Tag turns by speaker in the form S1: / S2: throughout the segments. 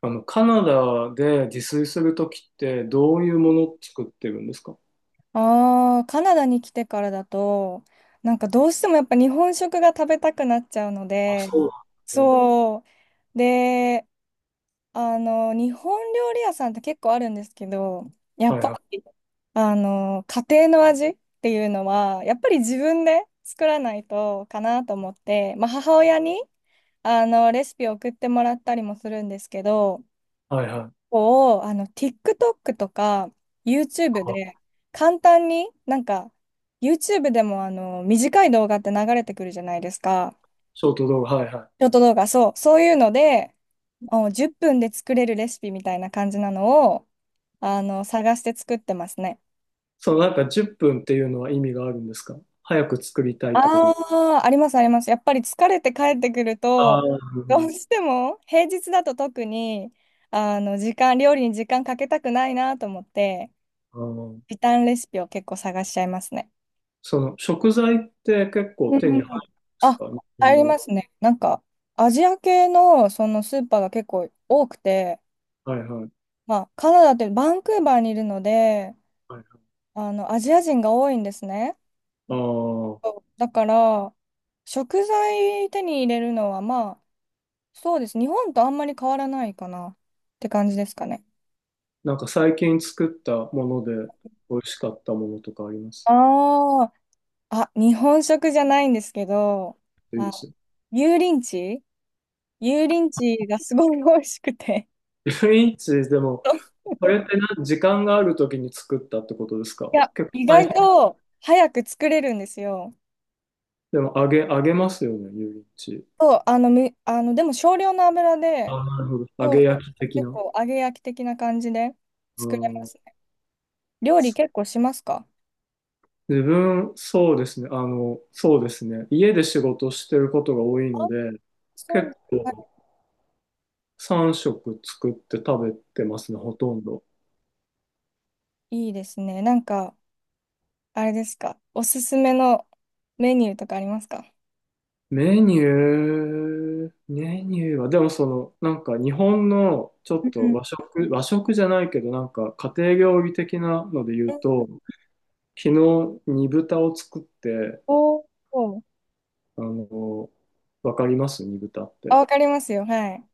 S1: カナダで自炊するときってどういうものを作ってるんですか？
S2: ああ、カナダに来てからだと、なんかどうしてもやっぱ日本食が食べたくなっちゃうの
S1: あ、
S2: で、
S1: そうなんですね。
S2: そう。で、日本料理屋さんって結構あるんですけど、や
S1: は
S2: っ
S1: い
S2: ぱ
S1: はい。
S2: り、家庭の味っていうのは、やっぱり自分で作らないとかなと思って、まあ母親に、レシピを送ってもらったりもするんですけど、
S1: はいはい。
S2: TikTok とか YouTube
S1: あ
S2: で簡単に、なんか、YouTube でも短い動画って流れてくるじゃないですか。
S1: ショート動画、はいはい。
S2: ショート動画、そう、そういうので、10分で作れるレシピみたいな感じなのを、探して作ってますね。
S1: そのなんか10分っぷんっていうのは意味があるんですか？早く作りたいってこと？
S2: ああ、ありますあります。やっぱり疲れて帰ってくる
S1: あ
S2: と、
S1: あー、なるほ
S2: どうしても平日だと特に、料理に時間かけたくないなと思って、
S1: ど。あー。
S2: 時短レシピを結構探しちゃいますね。
S1: その食材って結構
S2: う
S1: 手に
S2: ん。
S1: 入るんです
S2: あ、
S1: か、日
S2: 入
S1: 本
S2: りま
S1: の？
S2: すね。なんか、アジア系のそのスーパーが結構多くて、
S1: はいはい。
S2: まあ、カナダってバンクーバーにいるので、
S1: はいはい。
S2: アジア人が多いんですね。
S1: ああ、
S2: そうだから、食材手に入れるのは、まあ、そうです。日本とあんまり変わらないかなって感じですかね。
S1: なんか最近作ったもので美味しかったものとかあります？
S2: ああ、あ、日本食じゃないんですけど、
S1: いいです
S2: あ、
S1: よ。
S2: 油淋鶏油淋鶏がすごい美味しくて。
S1: 1インチでも。 これってな、時間があるときに作ったってことです
S2: い
S1: か？
S2: や、
S1: 結
S2: 意
S1: 構大
S2: 外
S1: 変。
S2: と早く作れるんですよ。
S1: でも、揚げますよね、油淋鶏。
S2: そう、でも少量の油で、
S1: あ、なるほど。揚
S2: そう
S1: げ
S2: そ
S1: 焼き
S2: う
S1: 的
S2: 結
S1: な。
S2: 構揚げ焼き的な感じで
S1: う
S2: 作れま
S1: ん。
S2: すね。料理
S1: そ
S2: 結
S1: う。
S2: 構しますか？
S1: 自分、そうですね。そうですね。家で仕事してることが多い
S2: あ、
S1: ので、
S2: そうなんだ。
S1: 結
S2: はい。
S1: 構3食作って食べてますね、ほとんど。
S2: いいですね。なんか、あれですか。おすすめのメニューとかありますか？
S1: メニューは、でもその、なんか日本のちょ
S2: う
S1: っと
S2: ん。
S1: 和食、和食じゃないけど、なんか家庭料理的なので言う
S2: うん。
S1: と、昨日、煮豚を作って、
S2: おお。
S1: あの、わかります、煮豚っ
S2: あ、
S1: て？
S2: わかりますよ。はい。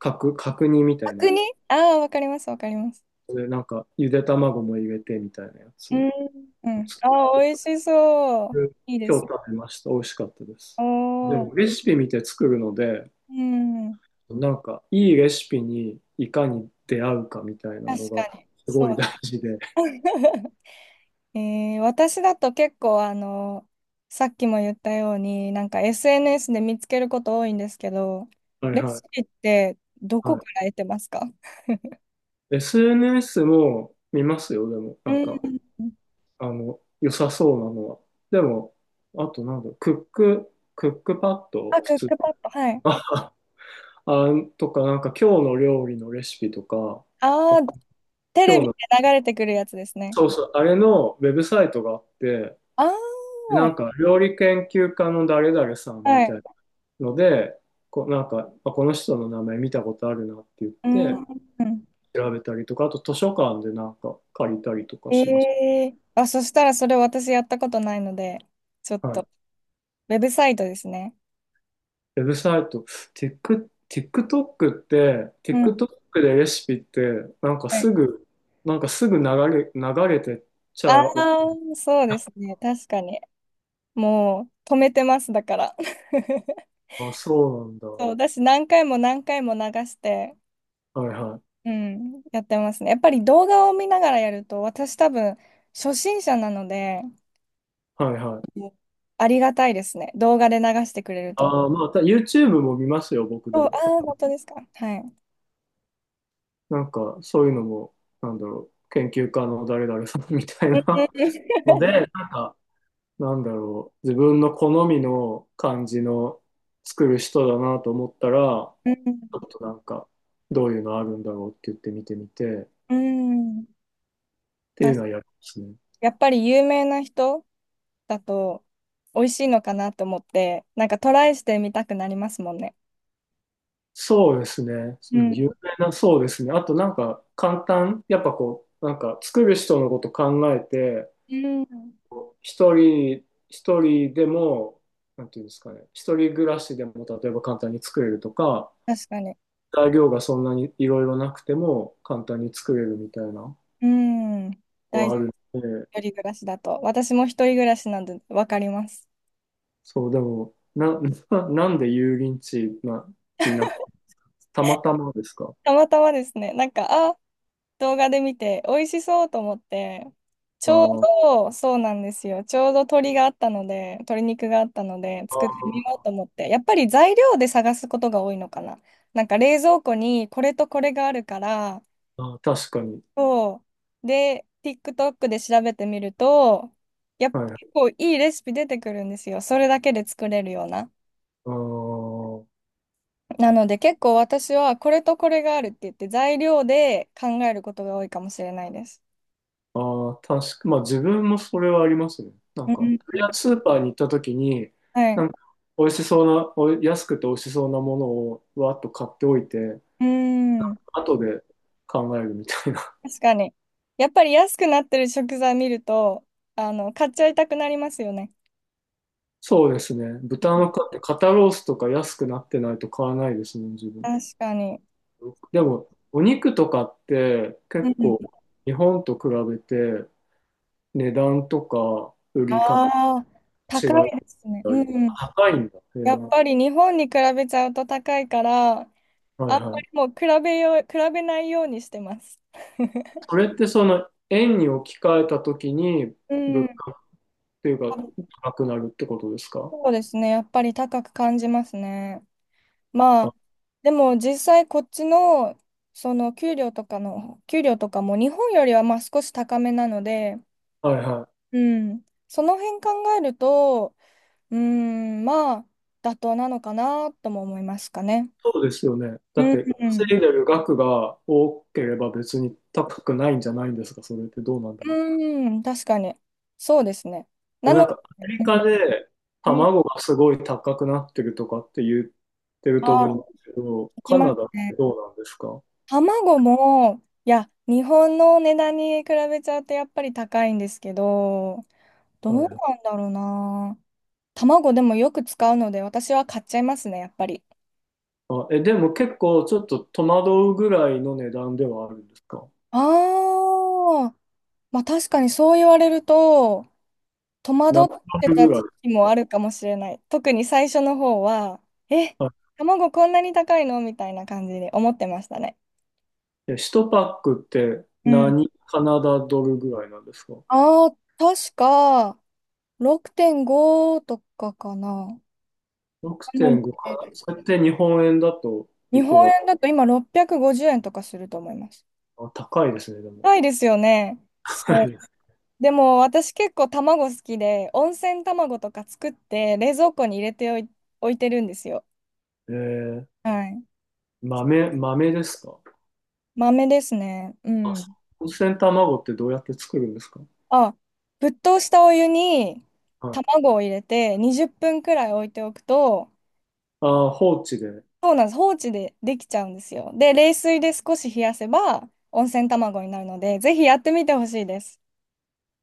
S1: 角煮みたいな
S2: 角
S1: や
S2: 煮。
S1: つ。
S2: ああー、わかります、わかります。
S1: で、なんか、ゆで卵も入れて、みたいなやつ
S2: うん。う
S1: を
S2: ん。
S1: 作
S2: ああ、
S1: って、
S2: 美味しそう。いいで
S1: 今
S2: す。
S1: 日食べました。美味しかったで
S2: お
S1: す。でも、
S2: お。
S1: レシピ見て作るので、
S2: うん。
S1: なんか、いいレシピにいかに出会うかみたいな
S2: 確
S1: のが、
S2: かに。
S1: す
S2: そ
S1: ごい
S2: う。
S1: 大事で。
S2: 私だと結構さっきも言ったように、なんか SNS で見つけること多いんですけど、
S1: はい
S2: レ
S1: は
S2: シ
S1: い。
S2: ピってどこ
S1: は
S2: から得てますか？
S1: い。SNS も見ますよ、でも、
S2: う
S1: なんか。
S2: ん。
S1: 良さそうなのは。でも、あとなんだろう、クックパッド、
S2: あ、ク
S1: 普
S2: ッ
S1: 通。
S2: クパッド、はい。
S1: あ、あとか、なんか今日の料理のレシピとか、あ
S2: ああ、テレ
S1: 今
S2: ビ
S1: 日
S2: で
S1: の、
S2: 流れてくるやつですね。
S1: そうそう、あれのウェブサイトがあって、
S2: あ
S1: でなん
S2: あ、
S1: か料理研究家の誰々さん
S2: は
S1: みた
S2: い。
S1: いので、こう、なんか、あ、この人の名前見たことあるなって言っ
S2: う
S1: て、
S2: ん。
S1: 調べたりとか、あと図書館でなんか借りたりとか
S2: え
S1: します。
S2: あ、そしたらそれ私やったことないので、ちょっ
S1: は
S2: と、
S1: い。
S2: ウェブサイトですね。
S1: ウェブサイト、テック、TikTok って、
S2: うん。
S1: TikTok でレシピって、なんかすぐ、なんかすぐ流れてっちゃ
S2: ああ、
S1: う。
S2: そうですね。確かに。もう止めてます、だから。
S1: あ、そうなんだ。
S2: そ
S1: は
S2: う、私何回も何回も流して、
S1: いはい。
S2: うん、やってますね。やっぱり動画を見ながらやると、私多分初心者なので、
S1: はいはい。
S2: うん、ありがたいですね。動画で流してくれると。
S1: ああ、まあ、YouTube も見ますよ、僕で
S2: そう、あ
S1: も。
S2: あ、本当ですか。はい。
S1: なんか、そういうのも、なんだろう、研究家の誰々さんみたい
S2: うん、
S1: な ので、なんか、なんだろう、自分の好みの感じの作る人だなと思ったら、ちょっとなんか、どういうのあるんだろうって言って見てみて、っ
S2: うん、うん。
S1: て
S2: だ
S1: いう
S2: し
S1: のはやりますね。
S2: やっぱり有名な人だと美味しいのかなと思って、なんかトライしてみたくなりますもんね。
S1: そうですね。
S2: う
S1: うん、
S2: ん。
S1: 有名な、そうですね。あとなんか、簡単、やっぱこう、なんか、作る人のこと考えて、
S2: うん、
S1: 一人、一人でも、なんていうんですかね、一人暮らしでも、例えば簡単に作れるとか、
S2: 確かに。
S1: 材料がそんなにいろいろなくても、簡単に作れるみたいなの
S2: うん。大
S1: は
S2: 事。
S1: あるので、
S2: 一人暮らしだと。私も一人暮らしなんでわかります。
S1: そう、でも、な、なんで油淋鶏な、にな、たまたまですか？
S2: たまたまですね、なんか、あ、動画で見て、美味しそうと思って、ち
S1: あ
S2: ょう
S1: ー。
S2: ど、そうなんですよ。ちょうど鶏があったので、鶏肉があったので、作ってみようと思って、やっぱり材料で探すことが多いのかな。なんか冷蔵庫にこれとこれがあるから、
S1: あー、確かに。
S2: そう。で、TikTok で調べてみると、やっぱ
S1: はい。
S2: 結構いいレシピ出てくるんですよ。それだけで作れるような。
S1: あー。
S2: なので結構私はこれとこれがあるって言って材料で考えることが多いかもしれないです。
S1: あー、確か、まあ自分もそれはありますね。な
S2: う
S1: んか、とりあえ
S2: ん。
S1: ずスーパーに行った時に、
S2: はい。
S1: なんか、美味しそうな、お安くて美味しそうなものをわーっと買っておいて、
S2: うん。
S1: 後で考えるみたいな。
S2: 確かに。やっぱり安くなってる食材見ると、買っちゃいたくなりますよね。
S1: そうですね。豚の買って肩ロースとか安くなってないと買わないですね、自分。
S2: 確かに。
S1: でも、お肉とかって
S2: う
S1: 結
S2: ん。
S1: 構日本と比べて値段とか売り方
S2: ああ、
S1: 違い。
S2: 高いですね。うん。
S1: 高いんだ。へ
S2: やっ
S1: ー。
S2: ぱり日本に比べちゃうと高いから、あん
S1: はい
S2: ま
S1: は
S2: り
S1: い。
S2: もう比べないようにしてます。
S1: それってその円に置き換えたときに、
S2: う
S1: 物
S2: ん。
S1: 価っていうか 高くなるってことですか？
S2: そうですね。やっぱり高く感じますね。ま
S1: あ、
S2: あ、でも実際こっちの、給料とかも日本よりはまあ少し高めなので、
S1: はいはい。
S2: うん、その辺考えると、まあ、妥当なのかなとも思いますかね。
S1: そうですよね。
S2: う
S1: だっ
S2: ん、
S1: て
S2: う
S1: 稼
S2: ん、
S1: いでる額が多ければ別に高くないんじゃないんですか？それってどうなんだろう。
S2: うん、確かに。そうですね。
S1: で
S2: な
S1: もな
S2: の
S1: んかアメリ
S2: で、
S1: カで
S2: うん、
S1: 卵がすごい高くなってるとかって言ってると
S2: あ、
S1: 思うんですけど、
S2: いき
S1: カ
S2: ます
S1: ナダって
S2: ね。
S1: どうなんですか？は
S2: 卵も、いや、日本の値段に比べちゃうとやっぱり高いんですけど、ど
S1: い
S2: う
S1: は
S2: な
S1: い。
S2: んだろうな。卵でもよく使うので、私は買っちゃいますね、やっぱり。
S1: あ、え、でも結構ちょっと戸惑うぐらいの値段ではあるんですか？
S2: ああ、まあ確かにそう言われると、戸
S1: 何
S2: 惑って
S1: ド
S2: た
S1: ルぐらい
S2: 時
S1: です
S2: 期も
S1: か？
S2: あるかもしれない。特に最初の方は、え、
S1: あ、
S2: 卵こんなに高いのみたいな感じで思ってましたね。
S1: え、1パックって
S2: うん。
S1: 何カナダドルぐらいなんですか？
S2: ああ、確か、6.5とかかな。なの
S1: 6.5 かな、
S2: で
S1: それって日本円だと
S2: 日
S1: いく
S2: 本
S1: ら？
S2: 円だと今650円とかすると思います。
S1: あ、高いですね、でも。
S2: 高いですよね。
S1: 高
S2: そう。
S1: い。
S2: でも私結構卵好きで、温泉卵とか作って冷蔵庫に入れておい、置いてるんですよ。
S1: えー、
S2: はい。
S1: 豆ですか？
S2: 豆ですね。う
S1: あ、
S2: ん。
S1: 温泉卵ってどうやって作るんですか？
S2: あ、沸騰したお湯に
S1: はい。
S2: 卵を入れて20分くらい置いておくと、
S1: あー、放置で。
S2: そうなんです。放置でできちゃうんですよ。で、冷水で少し冷やせば温泉卵になるので、ぜひやってみてほしいです。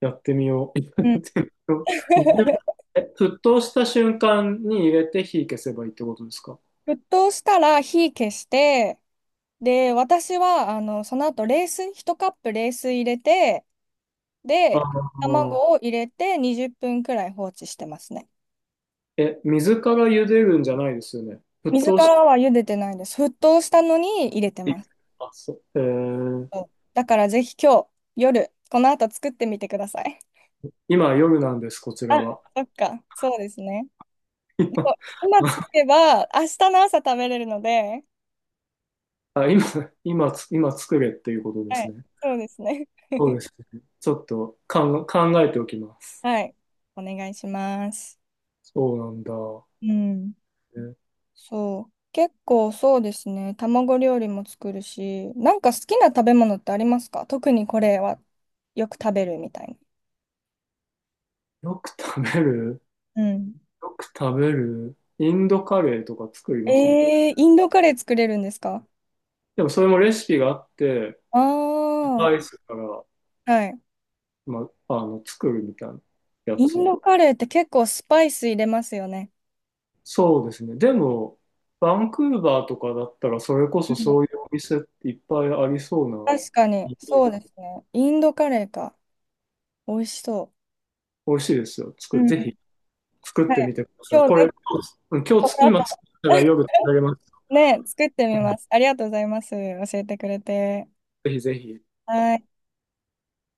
S1: やってみよう。や
S2: う
S1: っ
S2: ん。
S1: てみようにじゅう沸騰した瞬間に入れて火消せばいいってことですか？
S2: 沸騰したら火消して、で、私は、その後冷水、1カップ冷水入れて、
S1: ああ
S2: で、
S1: ー。
S2: 卵を入れて20分くらい放置してますね。
S1: え、水から茹でるんじゃないですよね。沸
S2: 水
S1: 騰。
S2: からは茹でてないです。沸騰したのに入れてます。
S1: あ、そう。えー、
S2: そうだからぜひ今日、夜、この後作ってみてください。
S1: 今夜なんです、こちら
S2: あ、
S1: は。
S2: そっか。そうですね。でも 今作れば、明日の朝食べれるので、
S1: 今、あ、今、今つ、今作れっていうことで
S2: は
S1: す
S2: い。
S1: ね。
S2: そうですね。
S1: そうですね。ちょっと考え考えておきます。
S2: はい。お願いします。
S1: そうなんだ。
S2: うん。
S1: え、
S2: そう。結構そうですね。卵料理も作るし、なんか好きな食べ物ってありますか？特にこれはよく食べるみたいな。
S1: よく食べる
S2: うん。
S1: よく食べるインドカレーとか作りますね。
S2: えー、インドカレー作れるんですか？
S1: でもそれもレシピがあって、
S2: あ
S1: ス
S2: あー、
S1: パイスから、
S2: はい。
S1: ま、作るみたいなや
S2: イン
S1: つ。
S2: ドカレーって結構スパイス入れますよね。
S1: そうですね。でも、バンクーバーとかだったら、それこ
S2: う
S1: そ
S2: ん、
S1: そういうお店っていっぱいありそうな、
S2: 確かに、
S1: イメー
S2: そう
S1: ジ
S2: で
S1: で。
S2: すね。インドカレーか。美味しそ
S1: 美味しいですよ。
S2: う。うん。
S1: ぜ
S2: は
S1: ひ作っ
S2: い。
S1: てみてください。
S2: 今
S1: こ
S2: 日ぜ
S1: れ、
S2: ひ、
S1: 今
S2: こ
S1: 日、
S2: の後、
S1: 今作ったら 夜食べれます。
S2: ね、作ってみ
S1: う
S2: ま
S1: ん。
S2: す。ありがとうございます。教えてくれて。
S1: ぜひぜひ。
S2: はい。